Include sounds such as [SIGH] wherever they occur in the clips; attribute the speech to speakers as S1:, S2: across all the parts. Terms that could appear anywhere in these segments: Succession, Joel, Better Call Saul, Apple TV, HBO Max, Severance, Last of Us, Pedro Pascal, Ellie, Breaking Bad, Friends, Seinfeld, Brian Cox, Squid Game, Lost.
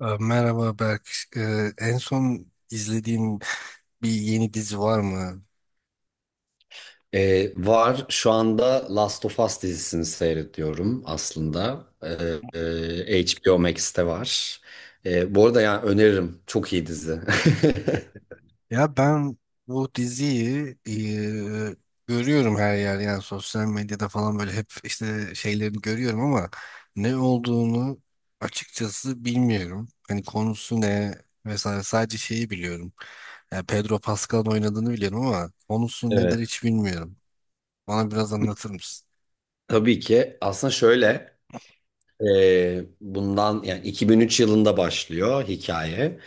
S1: Merhaba Berk. En son izlediğin bir yeni dizi var mı?
S2: Var. Şu anda Last of Us dizisini seyrediyorum aslında. Ee, HBO Max'te var. Bu arada yani öneririm. Çok iyi dizi. [LAUGHS]
S1: Ya ben bu diziyi görüyorum her yer, yani sosyal medyada falan böyle hep işte şeylerini görüyorum ama ne olduğunu açıkçası bilmiyorum. Hani konusu ne vesaire, sadece şeyi biliyorum. Yani Pedro Pascal'ın oynadığını biliyorum ama konusu
S2: Evet.
S1: nedir hiç bilmiyorum. Bana biraz anlatır mısın?
S2: Tabii ki. Aslında şöyle bundan yani 2003 yılında başlıyor hikaye.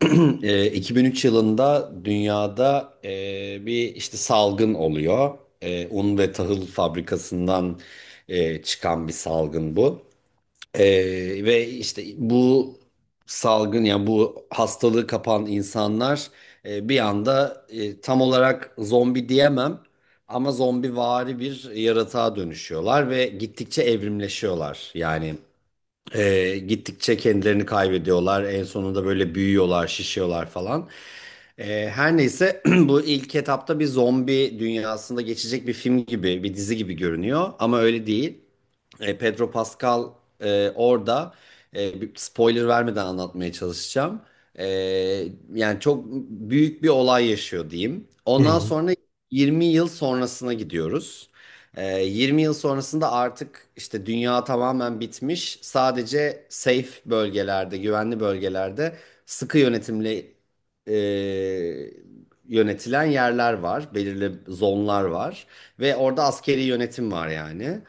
S2: [CLEARS THROAT] 2003 yılında dünyada bir işte salgın oluyor. E, un ve tahıl fabrikasından çıkan bir salgın bu. Ee, Ve işte bu salgın yani bu hastalığı kapan insanlar bir anda tam olarak zombi diyemem ama zombivari bir yaratığa dönüşüyorlar ve gittikçe evrimleşiyorlar. Yani gittikçe kendilerini kaybediyorlar. En sonunda böyle büyüyorlar, şişiyorlar falan. Her neyse, [CLEARS THROAT] bu ilk etapta bir zombi dünyasında geçecek bir film gibi, bir dizi gibi görünüyor. Ama öyle değil. E, Pedro Pascal orada bir spoiler vermeden anlatmaya çalışacağım. E, yani çok büyük bir olay yaşıyor diyeyim. Ondan
S1: Hı
S2: sonra 20 yıl sonrasına gidiyoruz. 20 yıl sonrasında artık işte dünya tamamen bitmiş. Sadece safe bölgelerde, güvenli bölgelerde sıkı yönetimle e, yönetilen yerler var. Belirli zonlar var. Ve orada askeri yönetim var yani.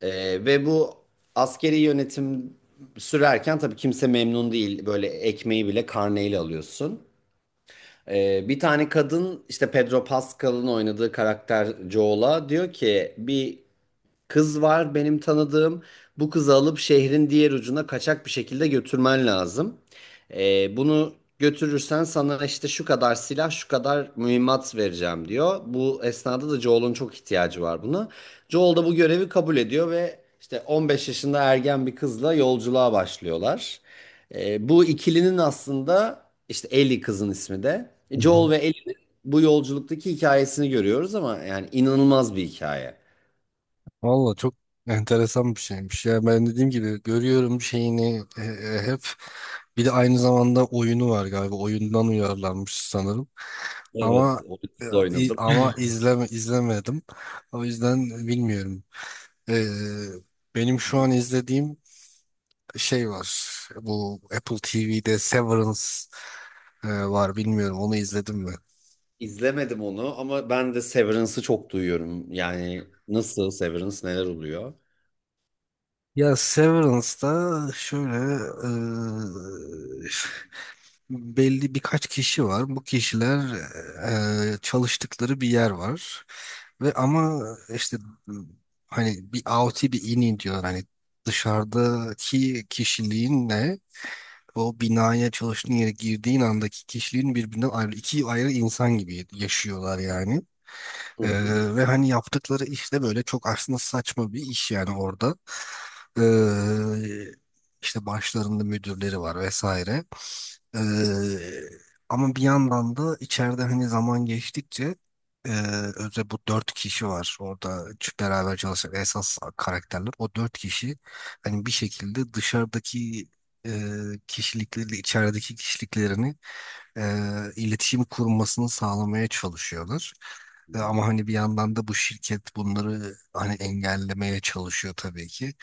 S2: Ve bu askeri yönetim sürerken tabii kimse memnun değil. Böyle ekmeği bile karneyle alıyorsun. Bir tane kadın işte Pedro Pascal'ın oynadığı karakter Joel'a diyor ki, bir kız var benim tanıdığım. Bu kızı alıp şehrin diğer ucuna kaçak bir şekilde götürmen lazım. Bunu götürürsen sana işte şu kadar silah, şu kadar mühimmat vereceğim diyor. Bu esnada da Joel'un çok ihtiyacı var buna. Joel da bu görevi kabul ediyor ve işte 15 yaşında ergen bir kızla yolculuğa başlıyorlar. Bu ikilinin aslında işte Ellie kızın ismi de. Joel
S1: hı.
S2: ve Ellie'nin bu yolculuktaki hikayesini görüyoruz, ama yani inanılmaz bir hikaye.
S1: Valla çok enteresan bir şeymiş. Ya ben dediğim gibi görüyorum şeyini, hep bir de aynı zamanda oyunu var galiba. Oyundan uyarlanmış sanırım.
S2: Evet,
S1: Ama
S2: onu
S1: e, i-
S2: oynadım.
S1: ama izlemedim. O yüzden bilmiyorum. Ee, Benim şu an izlediğim şey var. Bu Apple TV'de Severance var. Bilmiyorum onu izledim mi?
S2: İzlemedim onu ama ben de Severance'ı çok duyuyorum. Yani nasıl Severance, neler oluyor?
S1: Ya Severance'da şöyle, e, belli birkaç kişi var. Bu kişiler çalıştıkları bir yer var. Ve ama işte, m, hani bir out'i bir in'i diyor. Hani dışarıdaki kişiliğinle o binaya çalıştığın yere girdiğin andaki kişiliğin birbirinden ayrı iki ayrı insan gibi yaşıyorlar yani.
S2: Hı
S1: E,
S2: hı.
S1: Ve hani yaptıkları iş de böyle çok aslında saçma bir iş yani orada. E, işte başlarında müdürleri var vesaire. Ee, Ama bir yandan da içeride hani zaman geçtikçe, e, özellikle bu dört kişi var orada beraber çalışan esas karakterler. O dört kişi hani bir şekilde dışarıdaki e, kişilikleriyle içerideki kişiliklerini e, iletişim kurmasını sağlamaya çalışıyorlar. Ama hani bir yandan da bu şirket bunları hani engellemeye çalışıyor tabii ki.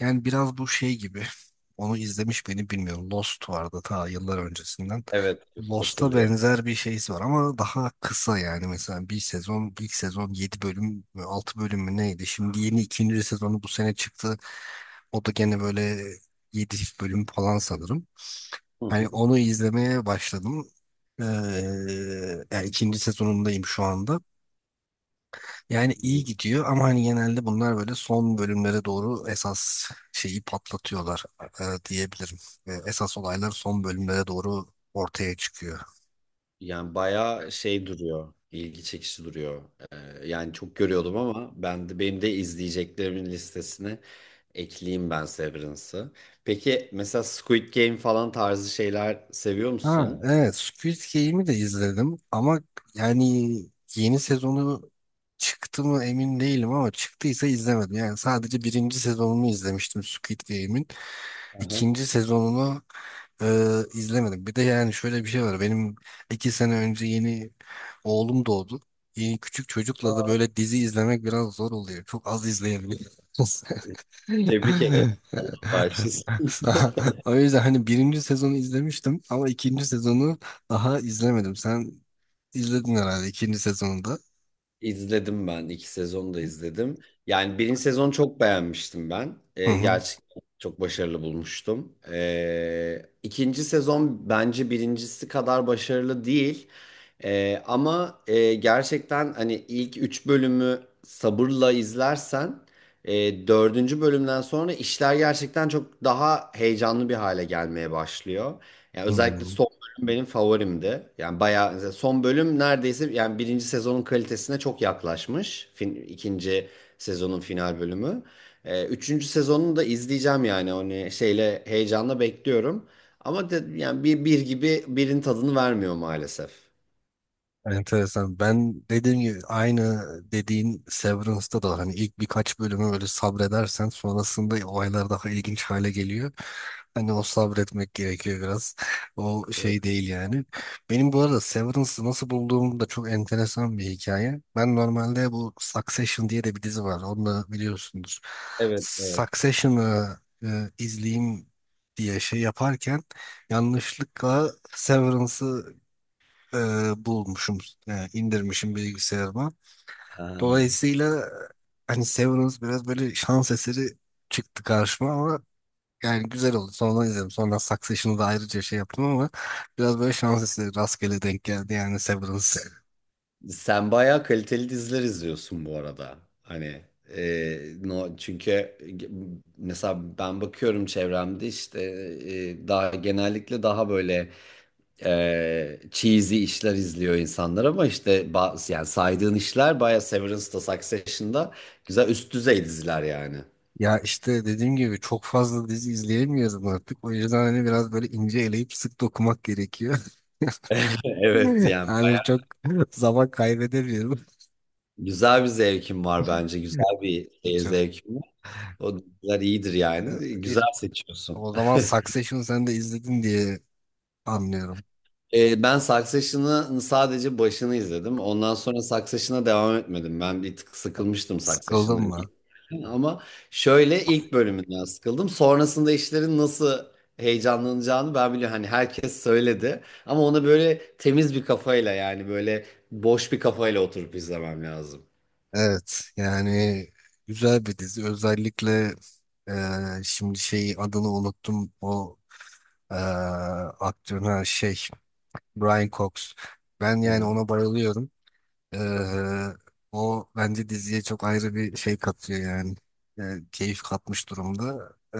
S1: Yani biraz bu şey gibi. [LAUGHS] Onu izlemiş beni bilmiyorum. Lost vardı ta yıllar öncesinden.
S2: Evet,
S1: Lost'a
S2: hatırlıyorum.
S1: benzer bir şeysi var ama daha kısa yani mesela bir sezon ilk sezon 7 bölüm mü, 6 bölüm mü neydi? Şimdi yeni ikinci sezonu bu sene çıktı. O da gene böyle 7 bölüm falan sanırım.
S2: Hı
S1: Hani
S2: hı.
S1: onu izlemeye başladım. Ee, Yani ikinci sezonundayım şu anda. Yani
S2: Hı
S1: iyi
S2: hı.
S1: gidiyor ama hani genelde bunlar böyle son bölümlere doğru esas şeyi patlatıyorlar, diyebilirim. Esas olaylar son bölümlere doğru ortaya çıkıyor.
S2: Yani bayağı şey duruyor, ilgi çekici duruyor. Yani çok görüyordum ama ben de benim de izleyeceklerimin listesine ekleyeyim ben Severance'ı. Peki mesela Squid Game falan tarzı şeyler seviyor
S1: Ha,
S2: musun?
S1: evet, Squid Game'i de izledim ama yani yeni sezonu çıktı mı emin değilim ama çıktıysa izlemedim. Yani sadece birinci sezonunu izlemiştim Squid Game'in.
S2: Hı hı.
S1: İkinci sezonunu e, izlemedim. Bir de yani şöyle bir şey var. Benim iki sene önce yeni oğlum doğdu. Yeni küçük çocukla da böyle dizi izlemek biraz zor oluyor. Çok az izleyebiliyoruz. [LAUGHS]
S2: Tebrik ederim. Allah bağışlasın.
S1: O yüzden hani birinci sezonu izlemiştim ama ikinci sezonu daha izlemedim. Sen izledin herhalde ikinci sezonunda.
S2: İzledim ben. İki sezonu da izledim. Yani birinci sezonu çok beğenmiştim ben.
S1: Hı hı.
S2: Gerçekten çok başarılı bulmuştum. İkinci sezon bence birincisi kadar başarılı değil. Gerçekten hani ilk üç bölümü sabırla izlersen dördüncü bölümden sonra işler gerçekten çok daha heyecanlı bir hale gelmeye başlıyor. Yani özellikle
S1: Hı.
S2: son benim favorimdi. Yani bayağı mesela son bölüm neredeyse yani birinci sezonun kalitesine çok yaklaşmış. Fin, ikinci sezonun final bölümü. Üçüncü sezonunu da izleyeceğim yani hani şeyle heyecanla bekliyorum. Ama de, yani bir gibi birin tadını vermiyor maalesef.
S1: Enteresan. Ben dediğim gibi aynı dediğin Severance'da da hani ilk birkaç bölümü böyle sabredersen sonrasında olaylar daha ilginç hale geliyor. Hani o sabretmek gerekiyor biraz. O
S2: Evet,
S1: şey değil yani. Benim bu arada Severance'ı nasıl bulduğum da çok enteresan bir hikaye. Ben normalde bu Succession diye de bir dizi var. Onu da biliyorsundur.
S2: evet. Evet.
S1: Succession'ı izleyeyim diye şey yaparken yanlışlıkla Severance'ı e, bulmuşum, indirmişim bilgisayarıma.
S2: Ha.
S1: Dolayısıyla hani Severance biraz böyle şans eseri çıktı karşıma ama yani güzel oldu. Sonra izledim. Sonra Succession'ı da ayrıca şey yaptım ama biraz böyle şans eseri rastgele denk geldi yani Severance.
S2: Sen bayağı kaliteli diziler izliyorsun bu arada. Hani e, no, çünkü mesela ben bakıyorum çevremde işte daha genellikle daha böyle cheesy işler izliyor insanlar ama işte ba- yani saydığın işler bayağı Severance'da, Succession'da güzel üst düzey diziler yani.
S1: Ya işte dediğim gibi çok fazla dizi izleyemiyorum artık. O yüzden hani biraz böyle ince eleyip sık dokumak gerekiyor. [LAUGHS]
S2: [LAUGHS] Evet yani
S1: Yani çok zaman kaybedemiyorum.
S2: güzel bir zevkim var bence. Güzel bir seyir
S1: Çok.
S2: zevkim var. O diziler iyidir yani.
S1: E, e,
S2: Güzel seçiyorsun.
S1: O zaman Succession sen de izledin diye anlıyorum.
S2: Ben Succession'ın sadece başını izledim. Ondan sonra Succession'a devam etmedim. Ben bir tık sıkılmıştım
S1: Sıkıldın
S2: Succession'ın ilk.
S1: mı?
S2: Ama şöyle ilk bölümünden sıkıldım. Sonrasında işlerin nasıl heyecanlanacağını ben biliyorum. Hani herkes söyledi. Ama ona böyle temiz bir kafayla yani böyle boş bir kafayla oturup izlemem lazım.
S1: Evet yani güzel bir dizi, özellikle şimdi şey adını unuttum o e, aktörün, ha, şey Brian Cox, ben yani
S2: Hı.
S1: ona bayılıyorum. E, O bence diziye çok ayrı bir şey katıyor yani. E, Keyif katmış durumda.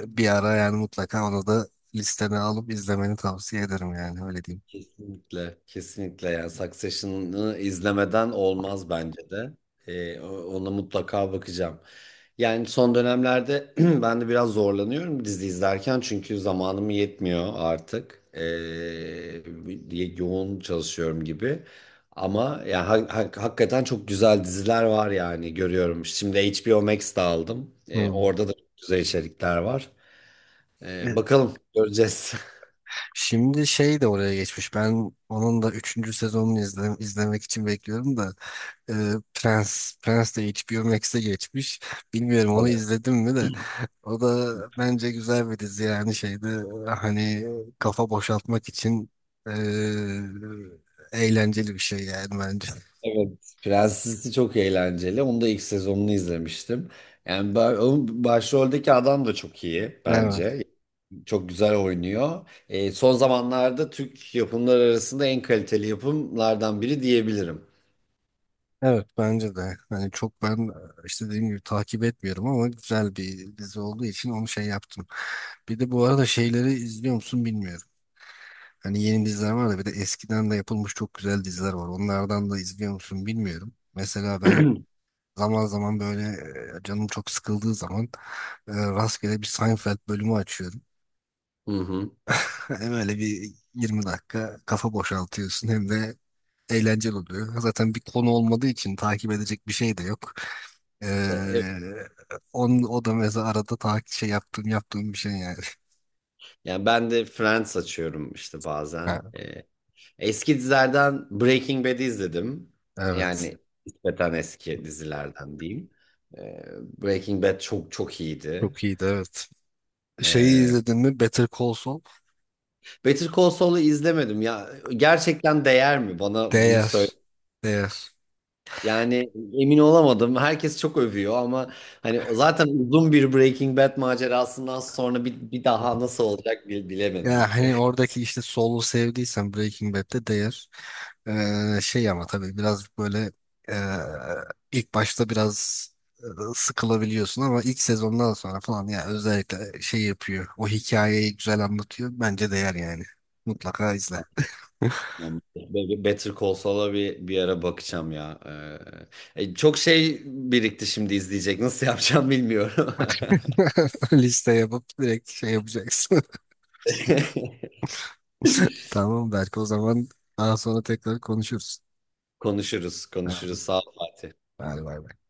S1: Bir ara yani mutlaka onu da listene alıp izlemeni tavsiye ederim, yani öyle diyeyim.
S2: Kesinlikle, kesinlikle, yani Succession'ı izlemeden olmaz bence de. Ona mutlaka bakacağım. Yani son dönemlerde [CLEARS THROAT] ben de biraz zorlanıyorum dizi izlerken çünkü zamanım yetmiyor artık. Diye yoğun çalışıyorum gibi. Ama ya hakikaten çok güzel diziler var yani görüyorum. Şimdi HBO Max'te aldım.
S1: Hmm.
S2: Orada da çok güzel içerikler var. Bakalım göreceğiz.
S1: Şimdi şey de oraya geçmiş. Ben onun da üçüncü sezonunu izlemek için bekliyorum da, e, Prens Prens de HBO Max'e geçmiş. Bilmiyorum onu
S2: [LAUGHS]
S1: izledim mi de, o da bence güzel bir dizi, yani şeyde, hani kafa boşaltmak için, e, eğlenceli bir şey yani bence.
S2: Evet. Prenses'i çok eğlenceli. Onu da ilk sezonunu izlemiştim. Yani ba- onun başroldeki adam da çok iyi
S1: Evet.
S2: bence. Çok güzel oynuyor. E, son zamanlarda Türk yapımlar arasında en kaliteli yapımlardan biri diyebilirim.
S1: Evet, bence de. Hani çok ben işte dediğim gibi takip etmiyorum ama güzel bir dizi olduğu için onu şey yaptım. Bir de bu arada şeyleri izliyor musun bilmiyorum. Hani yeni diziler var da bir de eskiden de yapılmış çok güzel diziler var. Onlardan da izliyor musun bilmiyorum. Mesela ben zaman zaman böyle, canım çok sıkıldığı zaman, rastgele bir Seinfeld bölümü açıyorum.
S2: Hı hı.
S1: [LAUGHS] Hem öyle bir 20 dakika kafa boşaltıyorsun hem de eğlenceli oluyor. Zaten bir konu olmadığı için takip edecek bir şey de yok. E,
S2: E, evet.
S1: O da mesela arada takip şey yaptığım bir şey yani. [LAUGHS]
S2: Yani ben de Friends açıyorum işte bazen.
S1: Ha,
S2: E, eski dizilerden Breaking Bad'i izledim.
S1: evet.
S2: Yani nispeten eski dizilerden diyeyim. E, Breaking Bad çok çok iyiydi.
S1: Çok iyiydi, evet. Şeyi
S2: E,
S1: izledin mi? Better Call Saul?
S2: Better Call Saul'u izlemedim ya. Gerçekten değer mi, bana bunu söyle.
S1: Değer. Değer.
S2: Yani emin olamadım. Herkes çok övüyor ama hani zaten uzun bir Breaking Bad macerasından sonra bir daha nasıl olacak bilemedim
S1: Ya
S2: ki.
S1: hani oradaki işte Soul'u sevdiysen Breaking Bad'de değer. Şey ama tabii biraz böyle, ee, ilk başta biraz ee, sıkılabiliyorsun ama ilk sezondan sonra falan ya özellikle şey yapıyor. O hikayeyi güzel anlatıyor. Bence değer yani. Mutlaka izle.
S2: [LAUGHS] Tamam. Better Call Saul'a bir ara bakacağım ya. Çok şey birikti şimdi izleyecek. Nasıl yapacağım bilmiyorum.
S1: [LAUGHS] Liste yapıp direkt şey yapacaksın.
S2: [LAUGHS]
S1: [LAUGHS] Tamam, belki o zaman daha sonra tekrar konuşuruz.
S2: Konuşuruz,
S1: Ha,
S2: konuşuruz. Sağ ol Fatih.
S1: hadi bay bay.